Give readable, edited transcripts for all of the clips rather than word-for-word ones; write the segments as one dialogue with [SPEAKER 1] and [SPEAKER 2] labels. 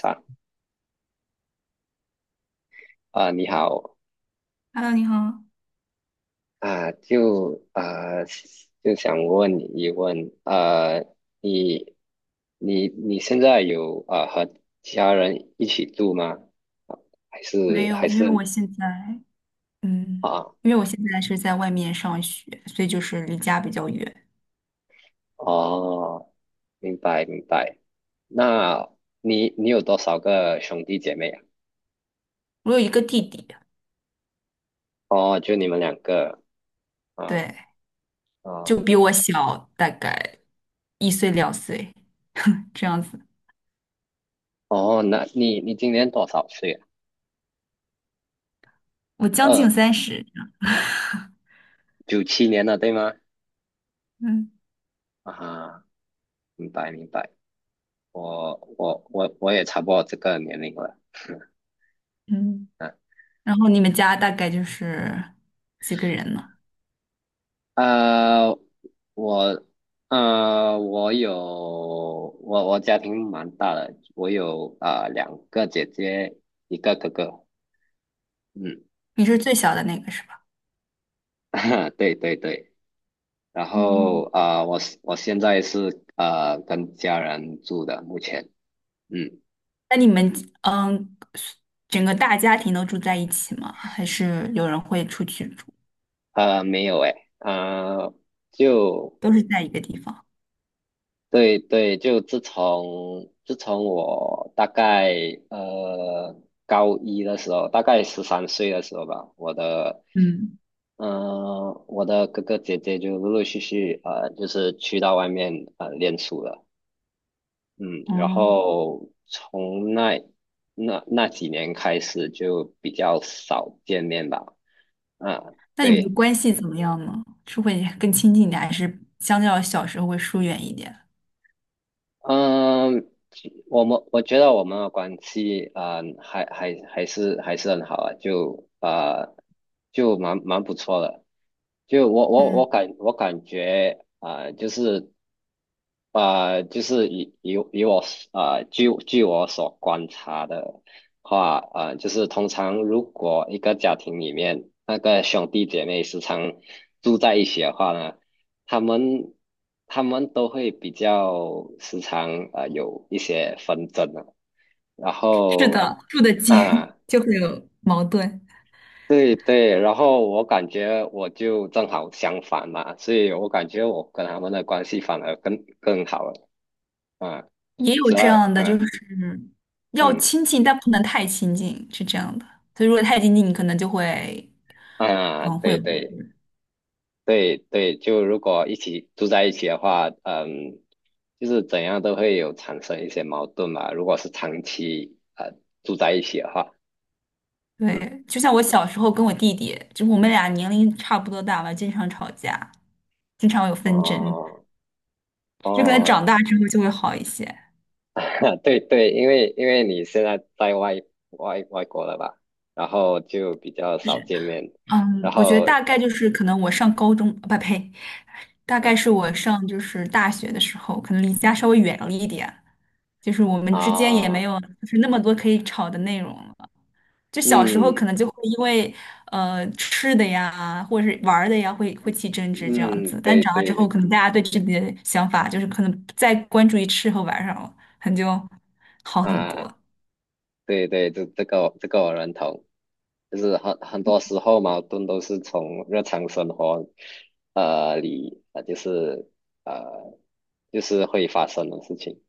[SPEAKER 1] 啊，你好
[SPEAKER 2] Hello，你好。
[SPEAKER 1] 啊，就想问你一问，你你现在有和家人一起住吗？啊还是
[SPEAKER 2] 没
[SPEAKER 1] 还
[SPEAKER 2] 有，因为
[SPEAKER 1] 是
[SPEAKER 2] 我现在，嗯，
[SPEAKER 1] 啊？
[SPEAKER 2] 是在外面上学，所以就是离家比较远。
[SPEAKER 1] 哦，明白明白。那你有多少个兄弟姐妹啊？
[SPEAKER 2] 我有一个弟弟，
[SPEAKER 1] 哦，就你们两个啊
[SPEAKER 2] 对，
[SPEAKER 1] 啊
[SPEAKER 2] 就比我小大概1岁2岁，这样子。
[SPEAKER 1] 哦，那你今年多少岁啊？
[SPEAKER 2] 我将
[SPEAKER 1] 二
[SPEAKER 2] 近30，
[SPEAKER 1] 97年了，对吗？
[SPEAKER 2] 嗯
[SPEAKER 1] 啊，明白明白。我也差不多这个年龄了，
[SPEAKER 2] 嗯。
[SPEAKER 1] 嗯，
[SPEAKER 2] 然后你们家大概就是几个人呢？
[SPEAKER 1] 呃，我呃我有我我家庭蛮大的，我有两个姐姐，一个哥哥，嗯，
[SPEAKER 2] 你是最小的那个是吧？
[SPEAKER 1] 对对对，然后
[SPEAKER 2] 嗯。
[SPEAKER 1] 我现在是跟家人住的，目前，嗯，
[SPEAKER 2] 那你们嗯，整个大家庭都住在一起吗？还是有人会出去住？
[SPEAKER 1] 没有诶，就。
[SPEAKER 2] 都是在一个地方？
[SPEAKER 1] 对对，就自从我大概呃高一的时候，大概13岁的时候吧，我的
[SPEAKER 2] 嗯。
[SPEAKER 1] 嗯我的哥哥姐姐就陆陆续续就是去到外面练书了，嗯，然
[SPEAKER 2] 哦，
[SPEAKER 1] 后从那几年开始就比较少见面吧，啊，
[SPEAKER 2] 那你们的
[SPEAKER 1] 对。
[SPEAKER 2] 关系怎么样呢？是会更亲近一点，还是相较小时候会疏远一点？
[SPEAKER 1] 嗯，其我们我觉得我们的关系啊，还是很好啊，就就蛮不错的。就我我我
[SPEAKER 2] 嗯，
[SPEAKER 1] 感我感觉就是以以以我据我所观察的话就是通常如果一个家庭里面那个兄弟姐妹时常住在一起的话呢。他们他们都会比较时常有一些纷争啊，然
[SPEAKER 2] 是
[SPEAKER 1] 后
[SPEAKER 2] 的，住得近
[SPEAKER 1] 啊
[SPEAKER 2] 就会有矛盾。
[SPEAKER 1] 对对，然后我感觉我就正好相反嘛，所以我感觉我跟他们的关系反而更好了啊，
[SPEAKER 2] 也有
[SPEAKER 1] 只要
[SPEAKER 2] 这样的，就
[SPEAKER 1] 嗯
[SPEAKER 2] 是要
[SPEAKER 1] 嗯
[SPEAKER 2] 亲近，但不能太亲近，是这样的。所以如果太亲近，你可能就会，
[SPEAKER 1] 啊
[SPEAKER 2] 会
[SPEAKER 1] 对
[SPEAKER 2] 有矛
[SPEAKER 1] 对
[SPEAKER 2] 盾。
[SPEAKER 1] 对对，就如果一起住在一起的话，嗯。就是怎样都会有产生一些矛盾嘛。如果是长期住在一起的话，嗯，
[SPEAKER 2] 对，就像我小时候跟我弟弟，就是我们俩年龄差不多大吧，经常吵架，经常有纷争，
[SPEAKER 1] 哦，
[SPEAKER 2] 就可能
[SPEAKER 1] 哦，
[SPEAKER 2] 长大之后就会好一些。
[SPEAKER 1] 对对，因为你现在在外外国了吧，然后就比较少见面，然
[SPEAKER 2] 嗯，我觉得
[SPEAKER 1] 后
[SPEAKER 2] 大概就是可能我上高中，不呸，大
[SPEAKER 1] 嗯
[SPEAKER 2] 概是我上就是大学的时候，可能离家稍微远了一点，就是我们之间也没
[SPEAKER 1] 啊，
[SPEAKER 2] 有就是那么多可以吵的内容了。就小时候可
[SPEAKER 1] 嗯
[SPEAKER 2] 能就会因为吃的呀，或者是玩儿的呀，会起争执这样
[SPEAKER 1] 嗯，
[SPEAKER 2] 子。但
[SPEAKER 1] 对
[SPEAKER 2] 长大之后，
[SPEAKER 1] 对
[SPEAKER 2] 可能大家对自己的想法就是可能不再关注于吃和玩儿上了，可能就好很
[SPEAKER 1] 啊，
[SPEAKER 2] 多。
[SPEAKER 1] 对对，这这个我这个我认同，就是很多时候矛盾都是从日常生活里，呃就是会发生的事情，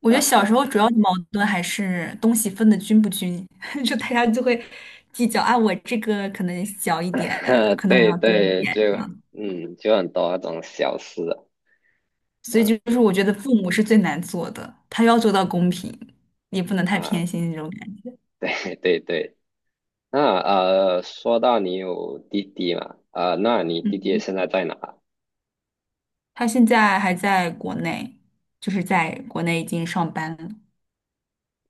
[SPEAKER 2] 我觉得
[SPEAKER 1] 然
[SPEAKER 2] 小时候
[SPEAKER 1] 后。
[SPEAKER 2] 主要的矛盾还是东西分的均不均，就大家就会计较啊，我这个可能小一点，可能我
[SPEAKER 1] 对
[SPEAKER 2] 要多一
[SPEAKER 1] 对，
[SPEAKER 2] 点
[SPEAKER 1] 就
[SPEAKER 2] 这样。
[SPEAKER 1] 嗯，就很多那种小事
[SPEAKER 2] 所以
[SPEAKER 1] 啊
[SPEAKER 2] 就是我觉得父母是最难做的，他要做到公平，也不能太
[SPEAKER 1] 啊，
[SPEAKER 2] 偏心那种感觉。
[SPEAKER 1] 对 对对。那说到你有弟弟嘛，那你弟弟
[SPEAKER 2] 嗯，
[SPEAKER 1] 现在在哪？
[SPEAKER 2] 他现在还在国内，就是在国内已经上班了。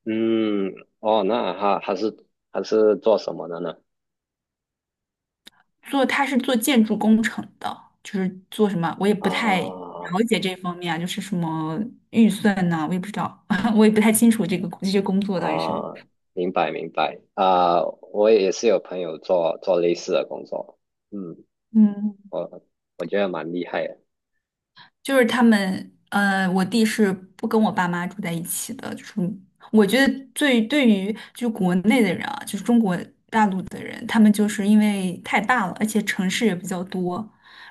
[SPEAKER 1] 嗯，哦，那他他是做什么的呢？
[SPEAKER 2] 做他是做建筑工程的，就是做什么，我也不太
[SPEAKER 1] 啊
[SPEAKER 2] 了解这方面啊，就是什么预算呐、我也不知道，我也不太清楚这个这些工作到底是，
[SPEAKER 1] 啊，明白明白啊，我也是有朋友做类似的工作，嗯，
[SPEAKER 2] 嗯，
[SPEAKER 1] 我我觉得蛮厉害的，
[SPEAKER 2] 就是他们，我弟是不跟我爸妈住在一起的，就是我觉得最对于就国内的人啊，就是中国大陆的人，他们就是因为太大了，而且城市也比较多，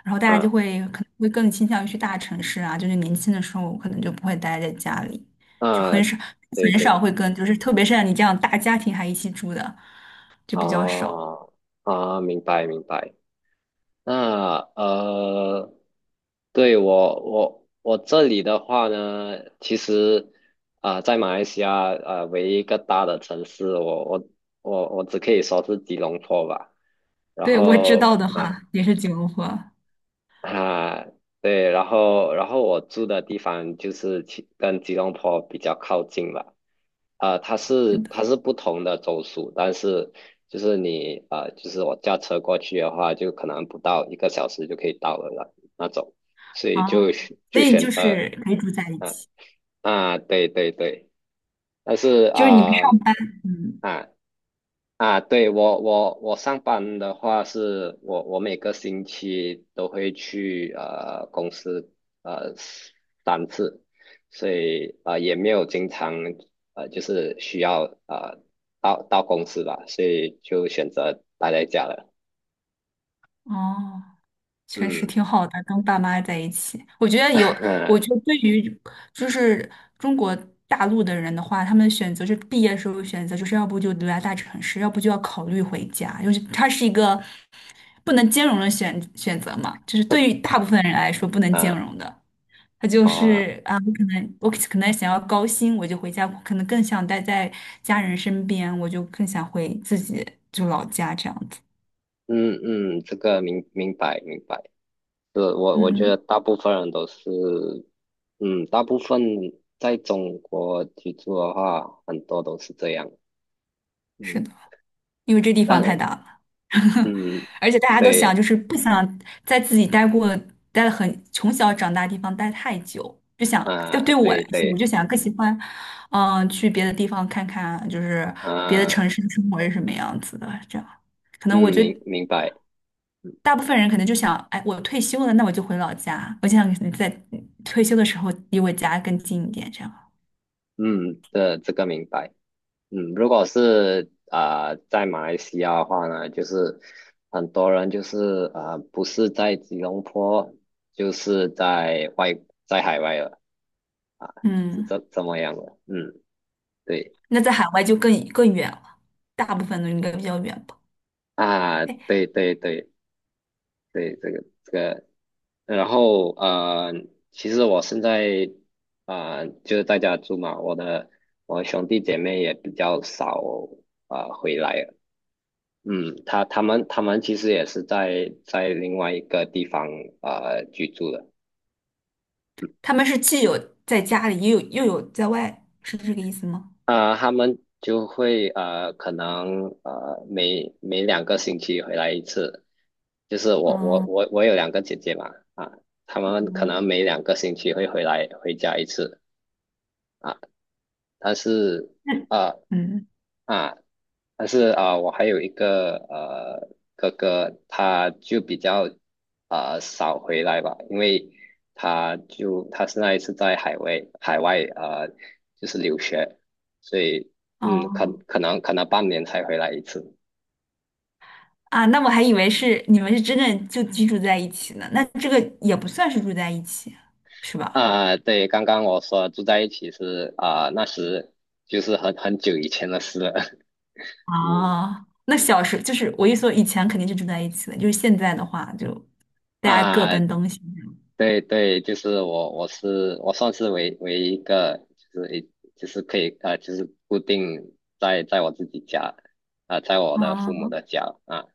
[SPEAKER 2] 然后大家
[SPEAKER 1] 嗯
[SPEAKER 2] 就会可能会更倾向于去大城市啊，就是年轻的时候可能就不会待在家里，就
[SPEAKER 1] 啊，
[SPEAKER 2] 很少
[SPEAKER 1] 对
[SPEAKER 2] 很少
[SPEAKER 1] 对。
[SPEAKER 2] 会跟，就是特别是像你这样大家庭还一起住的，就比较少。
[SPEAKER 1] 哦，啊，明白明白。那对我这里的话呢，其实在马来西亚唯一一个大的城市，我只可以说是吉隆坡吧。然
[SPEAKER 2] 对，我知道
[SPEAKER 1] 后，
[SPEAKER 2] 的话也是九龙坡，
[SPEAKER 1] 啊，对，然后我住的地方就是其跟吉隆坡比较靠近了，它是
[SPEAKER 2] 真的
[SPEAKER 1] 它是不同的州属，但是就是你就是我驾车过去的话，就可能不到一个小时就可以到了那种，所以就
[SPEAKER 2] 啊，
[SPEAKER 1] 选
[SPEAKER 2] 所
[SPEAKER 1] 就
[SPEAKER 2] 以就
[SPEAKER 1] 选呃，
[SPEAKER 2] 是可以住在一
[SPEAKER 1] 啊
[SPEAKER 2] 起。
[SPEAKER 1] 啊，对对对。但是
[SPEAKER 2] 就是你们
[SPEAKER 1] 啊
[SPEAKER 2] 上，嗯，
[SPEAKER 1] 啊啊，对我上班的话是，我每个星期都会去公司呃三次，所以也没有经常需要到公司吧，所以就选择待在家了。
[SPEAKER 2] 哦，确实
[SPEAKER 1] 嗯，
[SPEAKER 2] 挺好的，跟爸妈在一起。我觉得 有，我
[SPEAKER 1] 啊
[SPEAKER 2] 觉得对于就是中国大陆的人的话，他们选择是毕业时候选择，就是要不就留在大城市，要不就要考虑回家，就是它是一个不能兼容的选择嘛，就是对于大部分人来说不能兼
[SPEAKER 1] 啊
[SPEAKER 2] 容的。他就
[SPEAKER 1] 哦
[SPEAKER 2] 是啊，我可能想要高薪，我就回家，可能更想待在家人身边，我就更想回自己就老家这样子。
[SPEAKER 1] 嗯嗯，这个明白明白。是我觉得
[SPEAKER 2] 嗯。
[SPEAKER 1] 大部分人都是，嗯，大部分在中国居住的话，很多都是这样。嗯，
[SPEAKER 2] 是的，因为这地方
[SPEAKER 1] 但
[SPEAKER 2] 太大了，
[SPEAKER 1] 嗯，
[SPEAKER 2] 而且大家都想
[SPEAKER 1] 对，
[SPEAKER 2] 就是不想在自己待了很从小长大的地方待太久，就想就
[SPEAKER 1] 啊、
[SPEAKER 2] 对我来
[SPEAKER 1] 对
[SPEAKER 2] 说，我
[SPEAKER 1] 对，
[SPEAKER 2] 就想更喜欢，嗯、去别的地方看看，就是别的
[SPEAKER 1] 啊、
[SPEAKER 2] 城市的生活是什么样子的。这样，可能我
[SPEAKER 1] 嗯，
[SPEAKER 2] 觉
[SPEAKER 1] 明
[SPEAKER 2] 得
[SPEAKER 1] 明白，嗯，
[SPEAKER 2] 大部分人可能就想，哎，我退休了，那我就回老家，我就想在退休的时候离我家更近一点，这样。
[SPEAKER 1] 嗯这个明白。嗯，如果是在马来西亚的话呢，就是很多人就是不是在吉隆坡，就是在外在海外了啊，是
[SPEAKER 2] 嗯，
[SPEAKER 1] 这么样的。嗯，对。
[SPEAKER 2] 那在海外就更更远了，大部分都应该比较远吧。
[SPEAKER 1] 啊，
[SPEAKER 2] 哎。
[SPEAKER 1] 对对对对，这个这个，然后其实我现在就是在家住嘛，我兄弟姐妹也比较少回来了嗯，他们其实也是在另外一个地方居住的。
[SPEAKER 2] 他们是既有在家里，也有又有在外，是这个意思吗？
[SPEAKER 1] 啊，他们就会可能每两个星期回来一次。就是我我
[SPEAKER 2] 嗯
[SPEAKER 1] 我我有两个姐姐嘛，啊，他们可能
[SPEAKER 2] 嗯，
[SPEAKER 1] 每两个星期会回来回家一次啊。但是
[SPEAKER 2] 那
[SPEAKER 1] 啊。
[SPEAKER 2] 嗯
[SPEAKER 1] 啊，但是啊，我还有一个哥哥，他就比较啊少回来吧，因为他现在是那一次在海外就是留学，所以嗯
[SPEAKER 2] 哦
[SPEAKER 1] 可能半年才回来一次。
[SPEAKER 2] 啊，那我还以为是你们是真正就居住在一起呢，那这个也不算是住在一起，是吧？
[SPEAKER 1] 啊，对，刚刚我说住在一起是啊，那时就是很久以前的事了。嗯
[SPEAKER 2] 啊，那小时就是我一说以前肯定是住在一起的，就是现在的话就大家各
[SPEAKER 1] 啊，
[SPEAKER 2] 奔东西。
[SPEAKER 1] 对对，就是我，我算是唯一一个，就是一就是可以就是固定在我自己家，在我的父母
[SPEAKER 2] 啊，
[SPEAKER 1] 的家啊，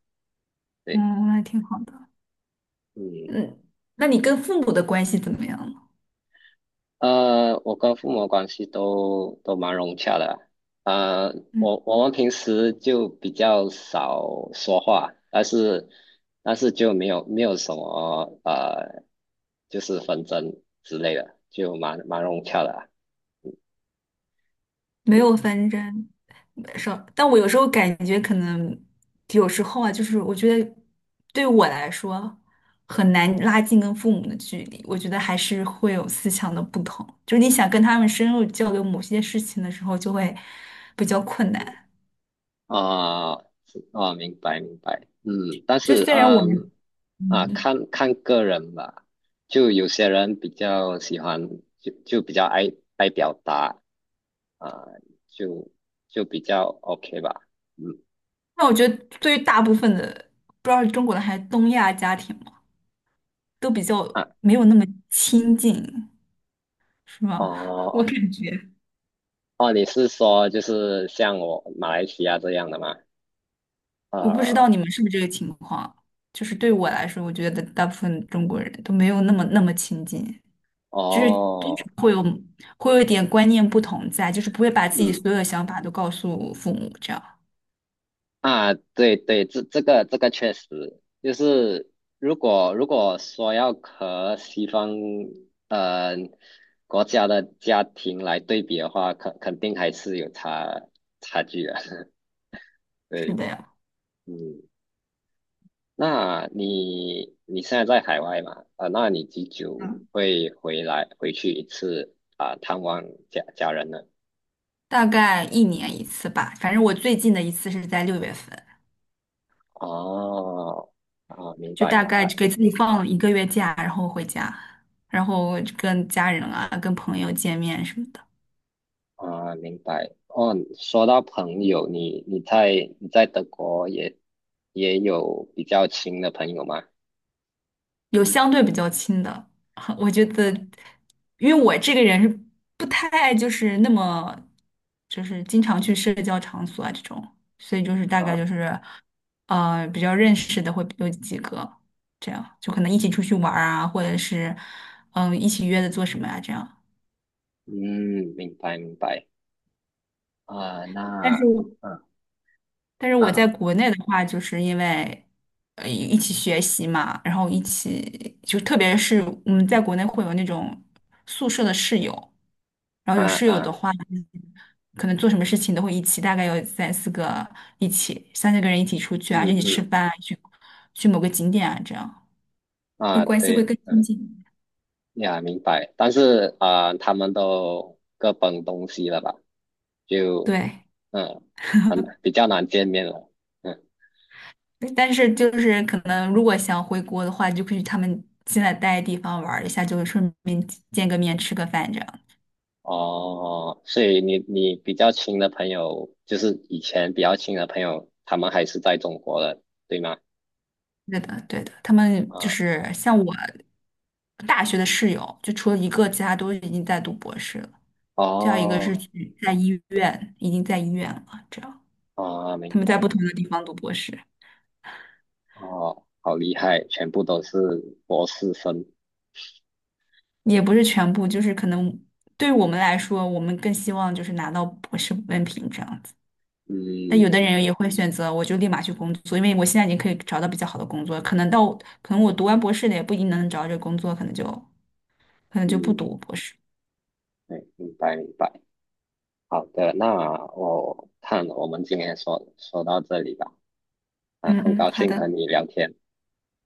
[SPEAKER 1] 对，
[SPEAKER 2] 嗯，那挺好的。
[SPEAKER 1] 嗯，
[SPEAKER 2] 嗯，那你跟父母的关系怎么样了？
[SPEAKER 1] 我跟父母的关系都蛮融洽的，啊、
[SPEAKER 2] 嗯，
[SPEAKER 1] 我们平时就比较少说话，但是就没有什么就是纷争之类的，就蛮融洽的啊
[SPEAKER 2] 没
[SPEAKER 1] 对，
[SPEAKER 2] 有纷争。是，但我有时候感觉可能有时候啊，就是我觉得对我来说很难拉近跟父母的距离，我觉得还是会有思想的不同，就是你想跟他们深入交流某些事情的时候，就会比较困难。
[SPEAKER 1] 啊，是啊，明白明白，嗯，但
[SPEAKER 2] 就
[SPEAKER 1] 是
[SPEAKER 2] 虽然我
[SPEAKER 1] 嗯
[SPEAKER 2] 们，
[SPEAKER 1] 啊，
[SPEAKER 2] 嗯，
[SPEAKER 1] 看看个人吧，就有些人比较喜欢，就比较爱表达啊，就就比较 OK 吧，嗯
[SPEAKER 2] 那我觉得对于大部分的，不知道是中国的还是东亚家庭嘛，都比较
[SPEAKER 1] 啊
[SPEAKER 2] 没有那么亲近，是吗？我
[SPEAKER 1] 哦
[SPEAKER 2] 感觉。
[SPEAKER 1] 哦，你是说就是像我马来西亚这样的吗？
[SPEAKER 2] 我不知
[SPEAKER 1] 啊
[SPEAKER 2] 道你们是不是这个情况，就是对我来说，我觉得大部分中国人都没有那么那么亲近，就是多
[SPEAKER 1] 哦，
[SPEAKER 2] 少会有一点观念不同在，就是不会把自己
[SPEAKER 1] 嗯。
[SPEAKER 2] 所有的想法都告诉父母，这样。
[SPEAKER 1] 啊，对对，这个这个确实就是如果说要和西方呃国家的家庭来对比的话，肯定还是有差距的。
[SPEAKER 2] 是
[SPEAKER 1] 对，
[SPEAKER 2] 的呀，
[SPEAKER 1] 嗯，那你你现在在海外嘛？那你几久
[SPEAKER 2] 嗯，
[SPEAKER 1] 会回来回去一次啊、探望家人呢？
[SPEAKER 2] 大概1年1次吧，反正我最近的一次是在6月份，
[SPEAKER 1] 哦，啊，明
[SPEAKER 2] 就
[SPEAKER 1] 白
[SPEAKER 2] 大
[SPEAKER 1] 明
[SPEAKER 2] 概
[SPEAKER 1] 白。
[SPEAKER 2] 给自己放了1个月假，然后回家，然后跟家人啊、跟朋友见面什么的。
[SPEAKER 1] 啊，明白。哦，说到朋友，你在德国也有比较亲的朋友吗？
[SPEAKER 2] 有相对比较亲的，我觉得，因为我这个人是不太就是那么，就是经常去社交场所啊这种，所以就是大概
[SPEAKER 1] 啊，
[SPEAKER 2] 就是，比较认识的会有几个，这样就可能一起出去玩儿啊，或者是，嗯、一起约着做什么呀、这样。
[SPEAKER 1] 嗯，明白明白。啊，
[SPEAKER 2] 但
[SPEAKER 1] 那
[SPEAKER 2] 是
[SPEAKER 1] 啊
[SPEAKER 2] 但是我在
[SPEAKER 1] 啊
[SPEAKER 2] 国内的话，就是因为一起学习嘛，然后一起就特别是在国内会有那种宿舍的室友，然后有
[SPEAKER 1] 啊
[SPEAKER 2] 室友
[SPEAKER 1] 啊，
[SPEAKER 2] 的话，可能做什么事情都会一起，大概有三四个一起，三四个人一起出去啊，
[SPEAKER 1] 嗯
[SPEAKER 2] 一起吃
[SPEAKER 1] 嗯
[SPEAKER 2] 饭啊，去去某个景点啊，这样就
[SPEAKER 1] 啊，
[SPEAKER 2] 关系会
[SPEAKER 1] 对，
[SPEAKER 2] 更亲
[SPEAKER 1] 嗯
[SPEAKER 2] 近。
[SPEAKER 1] 呀，明白。但是啊，他们都各奔东西了吧？就
[SPEAKER 2] 对，
[SPEAKER 1] 嗯，很比较难见面了。嗯。
[SPEAKER 2] 但是就是可能如果想回国的话，就可以去他们现在待的地方玩儿一下，就是顺便见个面，吃个饭这样。
[SPEAKER 1] 哦，所以你比较亲的朋友，就是以前比较亲的朋友，他们还是在中国的，对吗？
[SPEAKER 2] 对的，对的，他们就
[SPEAKER 1] 啊，
[SPEAKER 2] 是像我大学的室友，就除了一个，其他都已经在读博士了。这样一个是
[SPEAKER 1] 哦，
[SPEAKER 2] 去在医院，已经在医院了。这样，
[SPEAKER 1] 啊，明
[SPEAKER 2] 他们在
[SPEAKER 1] 白，
[SPEAKER 2] 不同的地方读博士，
[SPEAKER 1] 哦，好厉害，全部都是博士生，
[SPEAKER 2] 也不是全部，就是可能对于我们来说，我们更希望就是拿到博士文凭这样子。但有
[SPEAKER 1] 嗯
[SPEAKER 2] 的人也会选择，我就立马去工作，因为我现在已经可以找到比较好的工作。可能到，可能我读完博士的也不一定能找到这个工作，可能就不
[SPEAKER 1] 嗯，
[SPEAKER 2] 读博士。
[SPEAKER 1] 对，明白明白，好的，那我看我们今天说到这里吧，啊，
[SPEAKER 2] 嗯
[SPEAKER 1] 很
[SPEAKER 2] 嗯，
[SPEAKER 1] 高
[SPEAKER 2] 好
[SPEAKER 1] 兴
[SPEAKER 2] 的，
[SPEAKER 1] 和你聊天，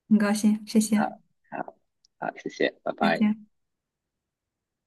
[SPEAKER 2] 很高兴，谢
[SPEAKER 1] 啊，
[SPEAKER 2] 谢，
[SPEAKER 1] 好，啊，谢谢，拜
[SPEAKER 2] 再
[SPEAKER 1] 拜。
[SPEAKER 2] 见。